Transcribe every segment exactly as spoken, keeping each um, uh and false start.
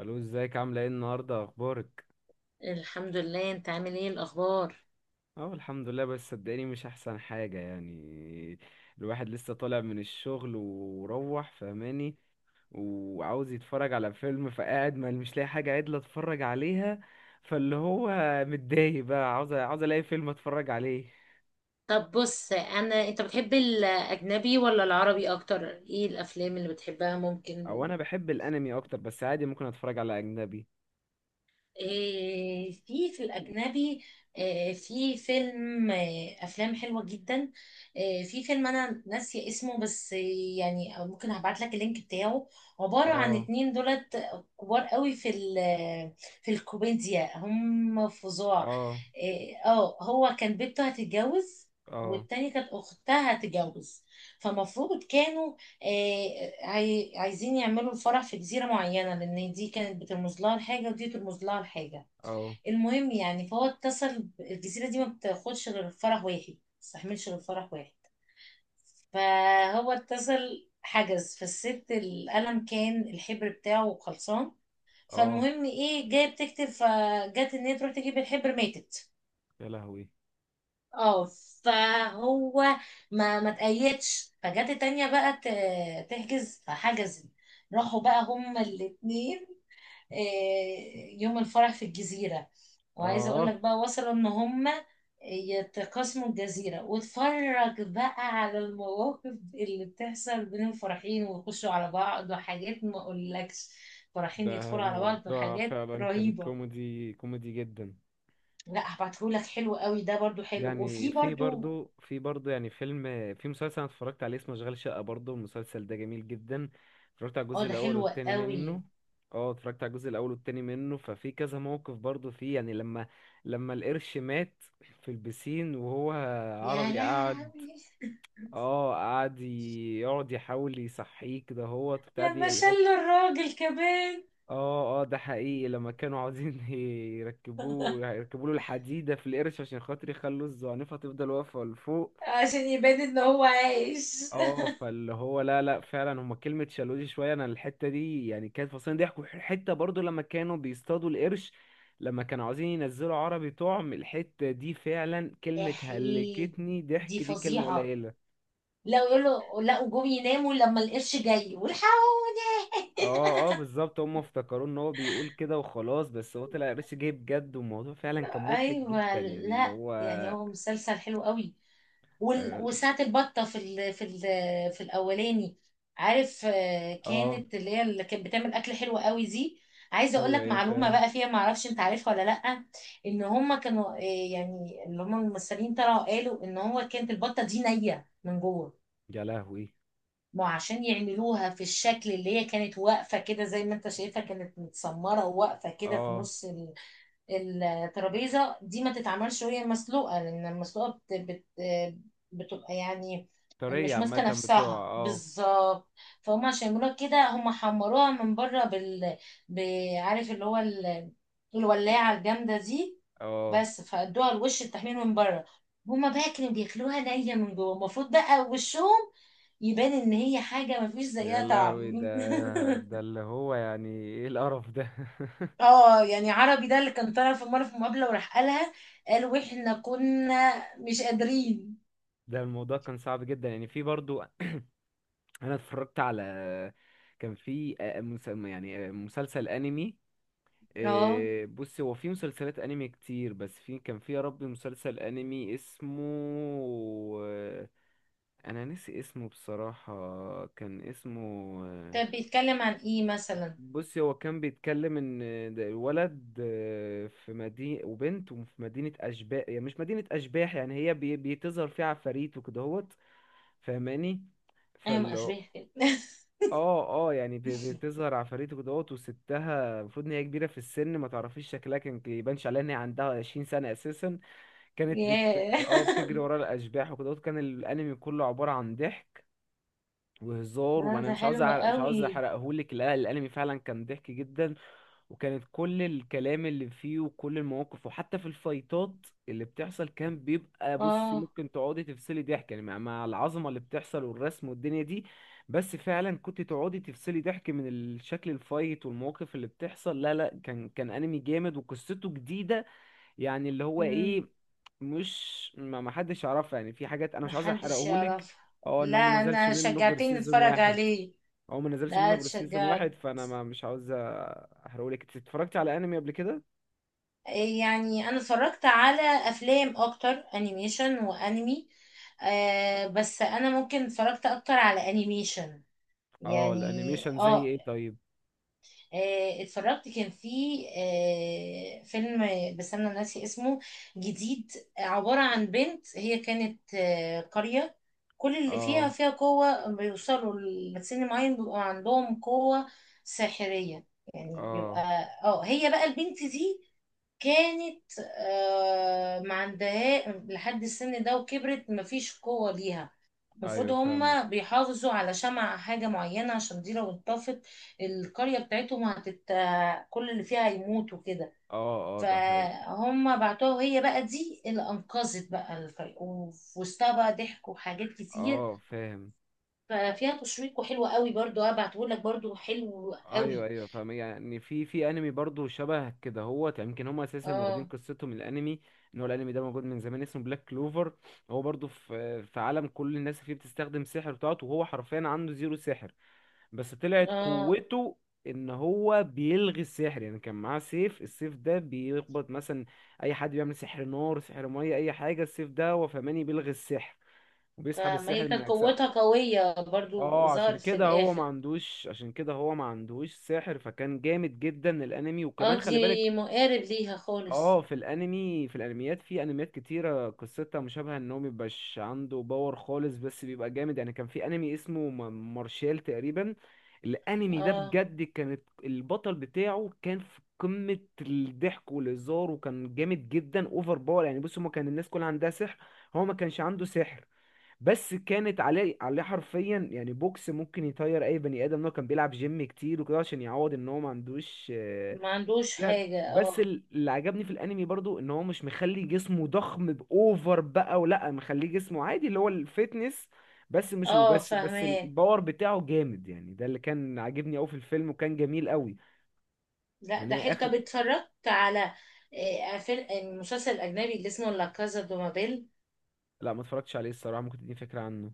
الو، ازيك؟ عامله ايه النهارده؟ اخبارك؟ الحمد لله. انت عامل ايه؟ الاخبار؟ اه، الحمد لله. بس صدقني مش احسن حاجه يعني. الواحد لسه طالع من الشغل وروح، فهماني؟ وعاوز يتفرج على فيلم، فقاعد ما مش لاقي حاجه عدله اتفرج عليها. فاللي هو، متضايق بقى، عاوز عاوز الاقي فيلم اتفرج عليه. طب بص، انا انت بتحب الاجنبي ولا العربي اكتر؟ ايه الافلام اللي بتحبها او ممكن؟ انا بحب الانمي اكتر، بس عادي ممكن اتفرج على اجنبي. إيه، في في الأجنبي إيه، في فيلم، إيه، أفلام حلوة جدا. إيه، في فيلم أنا ناسية اسمه، بس إيه، يعني أو ممكن هبعت لك اللينك بتاعه. عبارة عن اه. اتنين دولت كبار قوي في ال في الكوميديا، هم فظاع. اه. إيه، اه هو كان بنته هتتجوز، اه. والتانية كانت أختها هتتجوز. فمفروض كانوا آه، عاي- عايزين يعملوا الفرح في جزيرة معينة، لأن دي كانت بترمز لها لحاجة ودي ترمز لها لحاجة. اه. المهم يعني، فهو اتصل ب- الجزيرة دي ما بتاخدش غير فرح واحد، ما بتستحملش غير فرح واحد. فهو اتصل حجز، فالست القلم كان الحبر بتاعه خلصان. اه. فالمهم ايه، جايه بتكتب، فجت ان هي تروح تجيب الحبر ماتت. يا لهوي. اه. فهو ما ما تقيدش، فجت التانية بقى ت- تحجز فحجزت. راحوا بقى هما الاتنين آه، يوم الفرح في الجزيرة. وعايزة اقول اه. لك بقى وصلوا ان هما يتقاسموا الجزيرة، واتفرج بقى على المواقف اللي بتحصل بين الفرحين، ويخشوا على بعض وحاجات ما اقولكش. فرحين ده يدخلوا على بعض موضوع وحاجات فعلا كان رهيبة. كوميدي كوميدي جدا. لا، هبعتهولك، حلو قوي ده، برضو حلو. يعني وفي في برضو برضو في برضو يعني فيلم. في مسلسل انا اتفرجت عليه اسمه اشغال شقة، برضو المسلسل ده جميل جدا. اتفرجت على اه، الجزء ده الاول حلو والتاني منه. قوي. اه، اتفرجت على الجزء الاول والتاني منه. ففي كذا موقف برضو فيه يعني لما لما القرش مات في البسين، وهو يا عربي قعد. لهوي، اه، قعد ي- يقعد يحاول يصحيه كده، هو بتاع دي. لما شلوا الراجل كمان اه. اه، ده حقيقي. لما كانوا عاوزين يركبوه يركبوا له الحديدة في القرش عشان خاطر يخلوا الزعنفة تفضل واقفة لفوق. عشان يبان ان هو عايش. اه، فاللي هو، لا لا، فعلا هما كلمة شالوه دي شوية. انا الحتة دي يعني كانت فصلين ضحك. حتة برضو لما كانوا بيصطادوا القرش، لما كانوا عاوزين ينزلوا عربي طعم، الحتة دي فعلا كلمة احيد، هلكتني دي ضحك، دي كلمة فظيعة. قليلة. لا، يقولوا لا وجم يناموا لما القرش جاي، والحقوني. اه. اه، بالظبط. هما افتكروا ان هو بيقول كده وخلاص، بس هو طلع قرش جاي بجد، والموضوع فعلا كان مضحك جدا ايوه. يعني اللي لا هو. يعني، هو مسلسل حلو قوي. وال- آه، وساعة البطة في ال في ال في الأولاني. عارف؟ آه، اه. كانت اللي هي اللي كانت بتعمل أكل حلو قوي دي. عايزة أقول ايوه، لك ايوه، معلومة فاهم. بقى فيها، معرفش أنت عارفها ولا لأ. إن هما كانوا، آه، يعني اللي هما الممثلين طلعوا قالوا إن هو كانت البطة دي نية من جوه. يا لهوي. ما هو عشان يعملوها في الشكل اللي هي كانت واقفة كده، زي ما أنت شايفها كانت متسمرة واقفة كده في اه. نص الترابيزه دي، ما تتعملش وهي مسلوقه، لان المسلوقه بت... بت... بتبقى يعني طرية مش ماسكه عامة. بتوع. نفسها اه. بالظبط. فهم عشان يعملوها كده هم حمروها من بره بال، ب- عارف اللي هو ال، الولاعه الجامده دي. اه، بس فادوها الوش، التحمير من بره. هما بقى كانوا بياكلوها نيه من جوه، المفروض بقى وشهم يبان ان هي حاجه مفيش يا زيها لهوي، طعم. ده ده اللي هو يعني ايه القرف ده؟ اه يعني عربي، ده اللي كان طالع في مرة في مقابلة وراح قالها. قال واحنا كنا مش قادرين. ده الموضوع كان صعب جدا يعني. في برضو انا اتفرجت على. كان في آه، مس- يعني آه، مسلسل انمي. اه. آه، بص، هو في مسلسلات انمي كتير، بس في كان في يا ربي مسلسل انمي اسمه آه، انا ناسي اسمه بصراحة. كان اسمه آه، طب بيتكلم عن ايه مثلا؟ بصي، هو كان بيتكلم ان ده الولد آه، في مدينة وبنت، وفي مدينة اشباح، يعني مش مدينة اشباح يعني، هي بي- بيتظهر فيها عفاريت وكدهوت. فاهماني؟ ايوه، ما فال اشبه كده. اه. اه، يعني بي- بتظهر عفاريت وكدهوت. وستها المفروض ان هي كبيرة في السن، ما تعرفيش شكلها، كان يبانش عليها ان هي عندها عشرين سنة اساسا. كانت بت ياه. اه، بتجري ورا الاشباح وكدهوت. كان الانمي كله عبارة عن ضحك وهزار. لا، وانا ده مش عاوز حلو أعرق مش عاوز قوي. احرقهولك، لا الانمي فعلا كان ضحك جدا. وكانت كل الكلام اللي فيه وكل المواقف، وحتى في الفايتات اللي بتحصل كان بيبقى، بصي، اه. ممكن تقعدي تفصلي ضحك يعني، مع مع العظمة اللي بتحصل والرسم والدنيا دي. بس فعلا كنت تقعدي تفصلي ضحك من الشكل الفايت والمواقف اللي بتحصل. لا لا، كان كان انمي جامد وقصته جديدة. يعني اللي هو امم، ايه، مش ما ما حدش يعرفها يعني، في حاجات انا مش عايز محدش احرقهولك. يعرفها. اه، ان لا، هو ما نزلش انا منه غير شجعتني سيزون اتفرج واحد. عليه. هو ما نزلش لا، منه غير سيزون اتشجعت. واحد، فانا ما مش عاوز احرقلك. انت اتفرجتي على انمي قبل كده؟ إيه يعني، انا اتفرجت على افلام اكتر، انيميشن وانمي. آه، بس انا ممكن اتفرجت اكتر على انيميشن، اه، يعني الانيميشن زي اه. ايه طيب؟ آه، اتفرجت، كان في آه، فيلم، بس انا ناسي اسمه، جديد. عبارة عن بنت، هي كانت آه، قرية كل اللي فيها اه. فيها قوة، بيوصلوا لسن معين بيبقى عندهم قوة ساحرية، يعني بيبقى. اه، اه، هي بقى البنت دي كانت آه، ما عندها لحد السن ده، وكبرت مفيش قوة ليها. المفروض ايوه، فاهمك. هما بيحافظوا على شمع حاجة معينة، عشان دي لو انطفت القرية بتاعتهم هتت، كل اللي فيها هيموتوا كده. اه. اه، ده حقيقي. فهم بعتوها، وهي بقى دي اللي أنقذت بقى الفريق، وفي وسطها بقى ضحك وحاجات كتير. اه، فاهم. ففيها تشويق، وحلو قوي برضو، هبعته لك، برضو حلو ايوه، قوي. ايوه، فاهم. يعني في في انمي برضو شبه كده، هو يمكن هم اساسا واخدين اه قصتهم من الانمي. ان هو الانمي ده موجود من زمان، اسمه بلاك كلوفر. هو برضو في في عالم كل الناس فيه بتستخدم سحر بتاعته، وهو حرفيا عنده زيرو سحر. بس طلعت اه. قوته ان هو بيلغي السحر. يعني كان معاه سيف، السيف ده بيخبط مثلا اي حد بيعمل سحر نار، سحر ميه، اي حاجه، السيف ده هو فماني بيلغي السحر وبيسحب فما هي السحر من كانت قوتها اجسامه. قوية برضو، اه، عشان ظهرت في كده هو ما الآخر. عندوش عشان كده هو ما عندوش سحر. فكان جامد جدا الانمي، اه، وكمان خلي بالك. دي مقارب ليها اه، خالص. في الانمي في الانميات في انميات كتيره قصتها مشابهه، ان هو مبيبقاش عنده باور خالص بس بيبقى جامد. يعني كان في انمي اسمه م- مارشال تقريبا. الانمي ده اه، بجد كانت البطل بتاعه كان في قمه الضحك والهزار، وكان جامد جدا اوفر باور. يعني بص، هما كان الناس كلها عندها سحر، هو ما كانش عنده سحر. بس كانت عليه عليه حرفيا يعني، بوكس ممكن يطير اي بني ادم، إن هو كان بيلعب جيم كتير وكده عشان يعوض ان هو ما عندوش. ما عندوش يعني حاجة. بس اه ال- اللي عجبني في الانمي برضو ان هو مش مخلي جسمه ضخم باوفر بقى، ولا مخليه جسمه عادي اللي هو الفتنس. بس مش اه، وبس بس فاهماه. الباور بتاعه جامد يعني، ده اللي كان عاجبني قوي في الفيلم، وكان جميل قوي. لا، يعني ده هي حلو. اخر. طب اتفرجت على آه، فيلم المسلسل الأجنبي اللي اسمه لا كازا دو بابيل؟ لا ما اتفرجتش عليه الصراحة، ممكن تديني فكرة عنه؟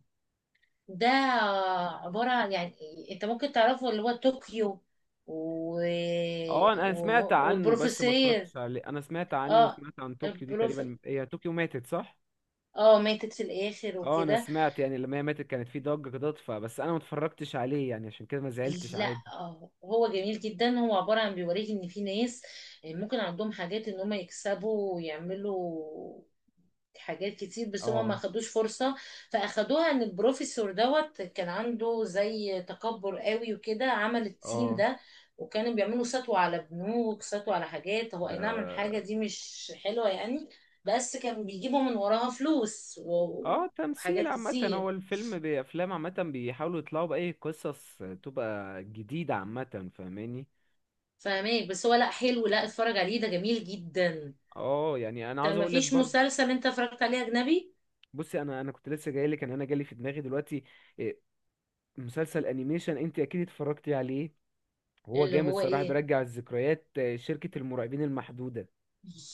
ده آه، عبارة عن يعني، انت ممكن تعرفه، اللي هو طوكيو و، اه، انا و، أنا سمعت عنه بس ما والبروفيسير. اتفرجتش عليه. انا سمعت عنه اه. وسمعت عن طوكيو دي، البروف، تقريبا هي طوكيو ماتت، صح؟ اه ماتت في الآخر اه، انا وكده. سمعت يعني لما هي ماتت كانت في ضجة كده، فبس انا ما اتفرجتش عليه يعني عشان كده ما زعلتش لا، عادي. آه، هو جميل جدا، هو عبارة عن بيوريك ان في ناس آه، ممكن عندهم حاجات ان هم يكسبوا ويعملوا حاجات كتير، بس هما ما اه. خدوش فرصة. فأخدوها إن البروفيسور دوت كان عنده زي تكبر قوي، وكده عمل التيم اه، ده. وكانوا بيعملوا سطو على بنوك، سطو على حاجات، هو أي ده. نعم الحاجة دي مش حلوة يعني، بس كان بيجيبوا من وراها فلوس و، اه، تمثيل وحاجات عامة، كتير. هو الفيلم بأفلام عامة بيحاولوا يطلعوا بأي قصص تبقى جديدة عامة، فاهماني؟ فاهمك، بس هو لا حلو، لا اتفرج عليه، ده جميل جدا. اه، يعني أنا طب عاوز ما أقولك فيش برضه. مسلسل انت اتفرجت عليه اجنبي؟ بصي، أنا أنا كنت لسه جايلك إن أنا جالي في دماغي دلوقتي. إيه، مسلسل أنيميشن أنت أكيد اتفرجتي عليه. هو اللي جامد هو صراحة، ايه؟ بيرجع الذكريات. آه، شركة المرعبين المحدودة.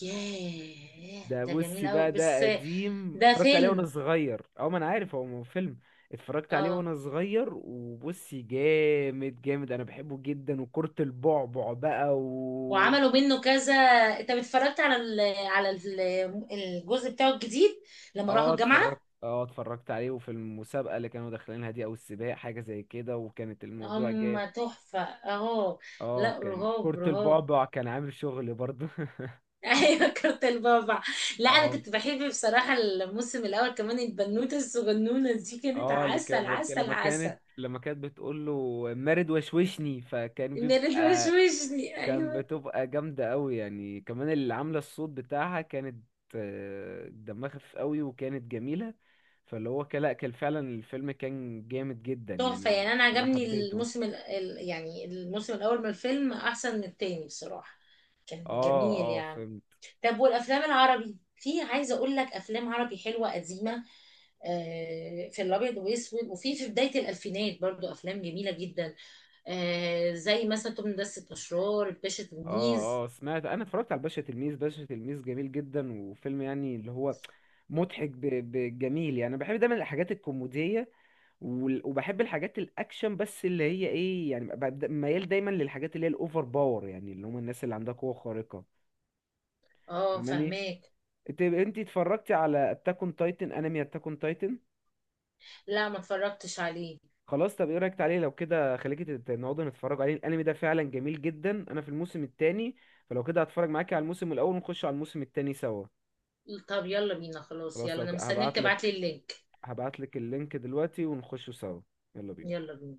ياه، ده ده جميل بصي قوي بقى، ده بس. قديم ده اتفرجت عليه وانا فيلم. صغير، او ما انا عارف، هو مو فيلم. اتفرجت عليه اه، وانا صغير. وبصي، جامد جامد، انا بحبه جدا، وكرة البعبع بقى و. وعملوا منه كذا. انت اتفرجت على ال، على ال، الجزء بتاعه الجديد، لما راحوا اه. الجامعة؟ اتفرجت اه اتفرجت عليه، وفي المسابقة اللي كانوا داخلينها دي، او السباق حاجة زي كده، وكانت الموضوع جامد. هم تحفة اهو. اه، لا، كان رهاب كرة رهاب. البعبع كان عامل شغل برضه. ايوه، كارت البابا. لا، انا اه. كنت بحب بصراحة الموسم الاول كمان، البنوتة الصغنونة دي كانت اه، اللي عسل كان عسل لما كانت عسل. لما كانت بتقول له مارد وشوشني، فكان ميري بيبقى توشوشني، كان ايوه. بتبقى جامدة قوي يعني. كمان اللي عاملة الصوت بتاعها كانت آه، دمها خفيف قوي وكانت جميلة. فاللي هو كان- لا كان فعلا الفيلم كان جامد جدا تحفة يعني، انا يعني. انا أنا عجبني حبيته. الموسم ال، ال- يعني الموسم الاول من الفيلم احسن من التاني بصراحة، كان اه. جميل اه، يعني. فهمت. طب والافلام العربي، في عايزه اقول لك افلام عربي حلوه قديمه، آه، في الابيض واسود، وفي في بدايه الالفينات برضو افلام جميله جدا، آه، زي مثلا توم دسة، اشرار، الباشا تلميذ. اه. اه، سمعت. انا اتفرجت على باشا تلميذ. باشا تلميذ جميل جدا، وفيلم يعني اللي هو مضحك ب- بجميل يعني، انا بحب دايما الحاجات الكوميدية. وال- وبحب الحاجات الاكشن، بس اللي هي ايه يعني، ببقى د- ميال دايما للحاجات اللي هي الاوفر باور، يعني اللي هم الناس اللي عندها قوة خارقة. اه، فاهماني؟ فهماك. انت انت اتفرجتي على اتاك اون تايتن؟ انمي اتاك اون تايتن. لا، ما اتفرجتش عليه. خلاص، طب ايه رايك؟ تعالي لو كده خليكي تت- نقعدوا نتفرجوا عليه، الانمي ده فعلا جميل جدا، انا في الموسم التاني. فلو كده هتفرج معاكي على الموسم الاول، ونخش على الموسم التاني سوا. طب يلا بينا، خلاص خلاص، يلا، لو انا مستنياك هبعت تبعت لك، لي اللينك. هبعت لك اللينك دلوقتي ونخشه سوا. يلا بينا. يلا بينا.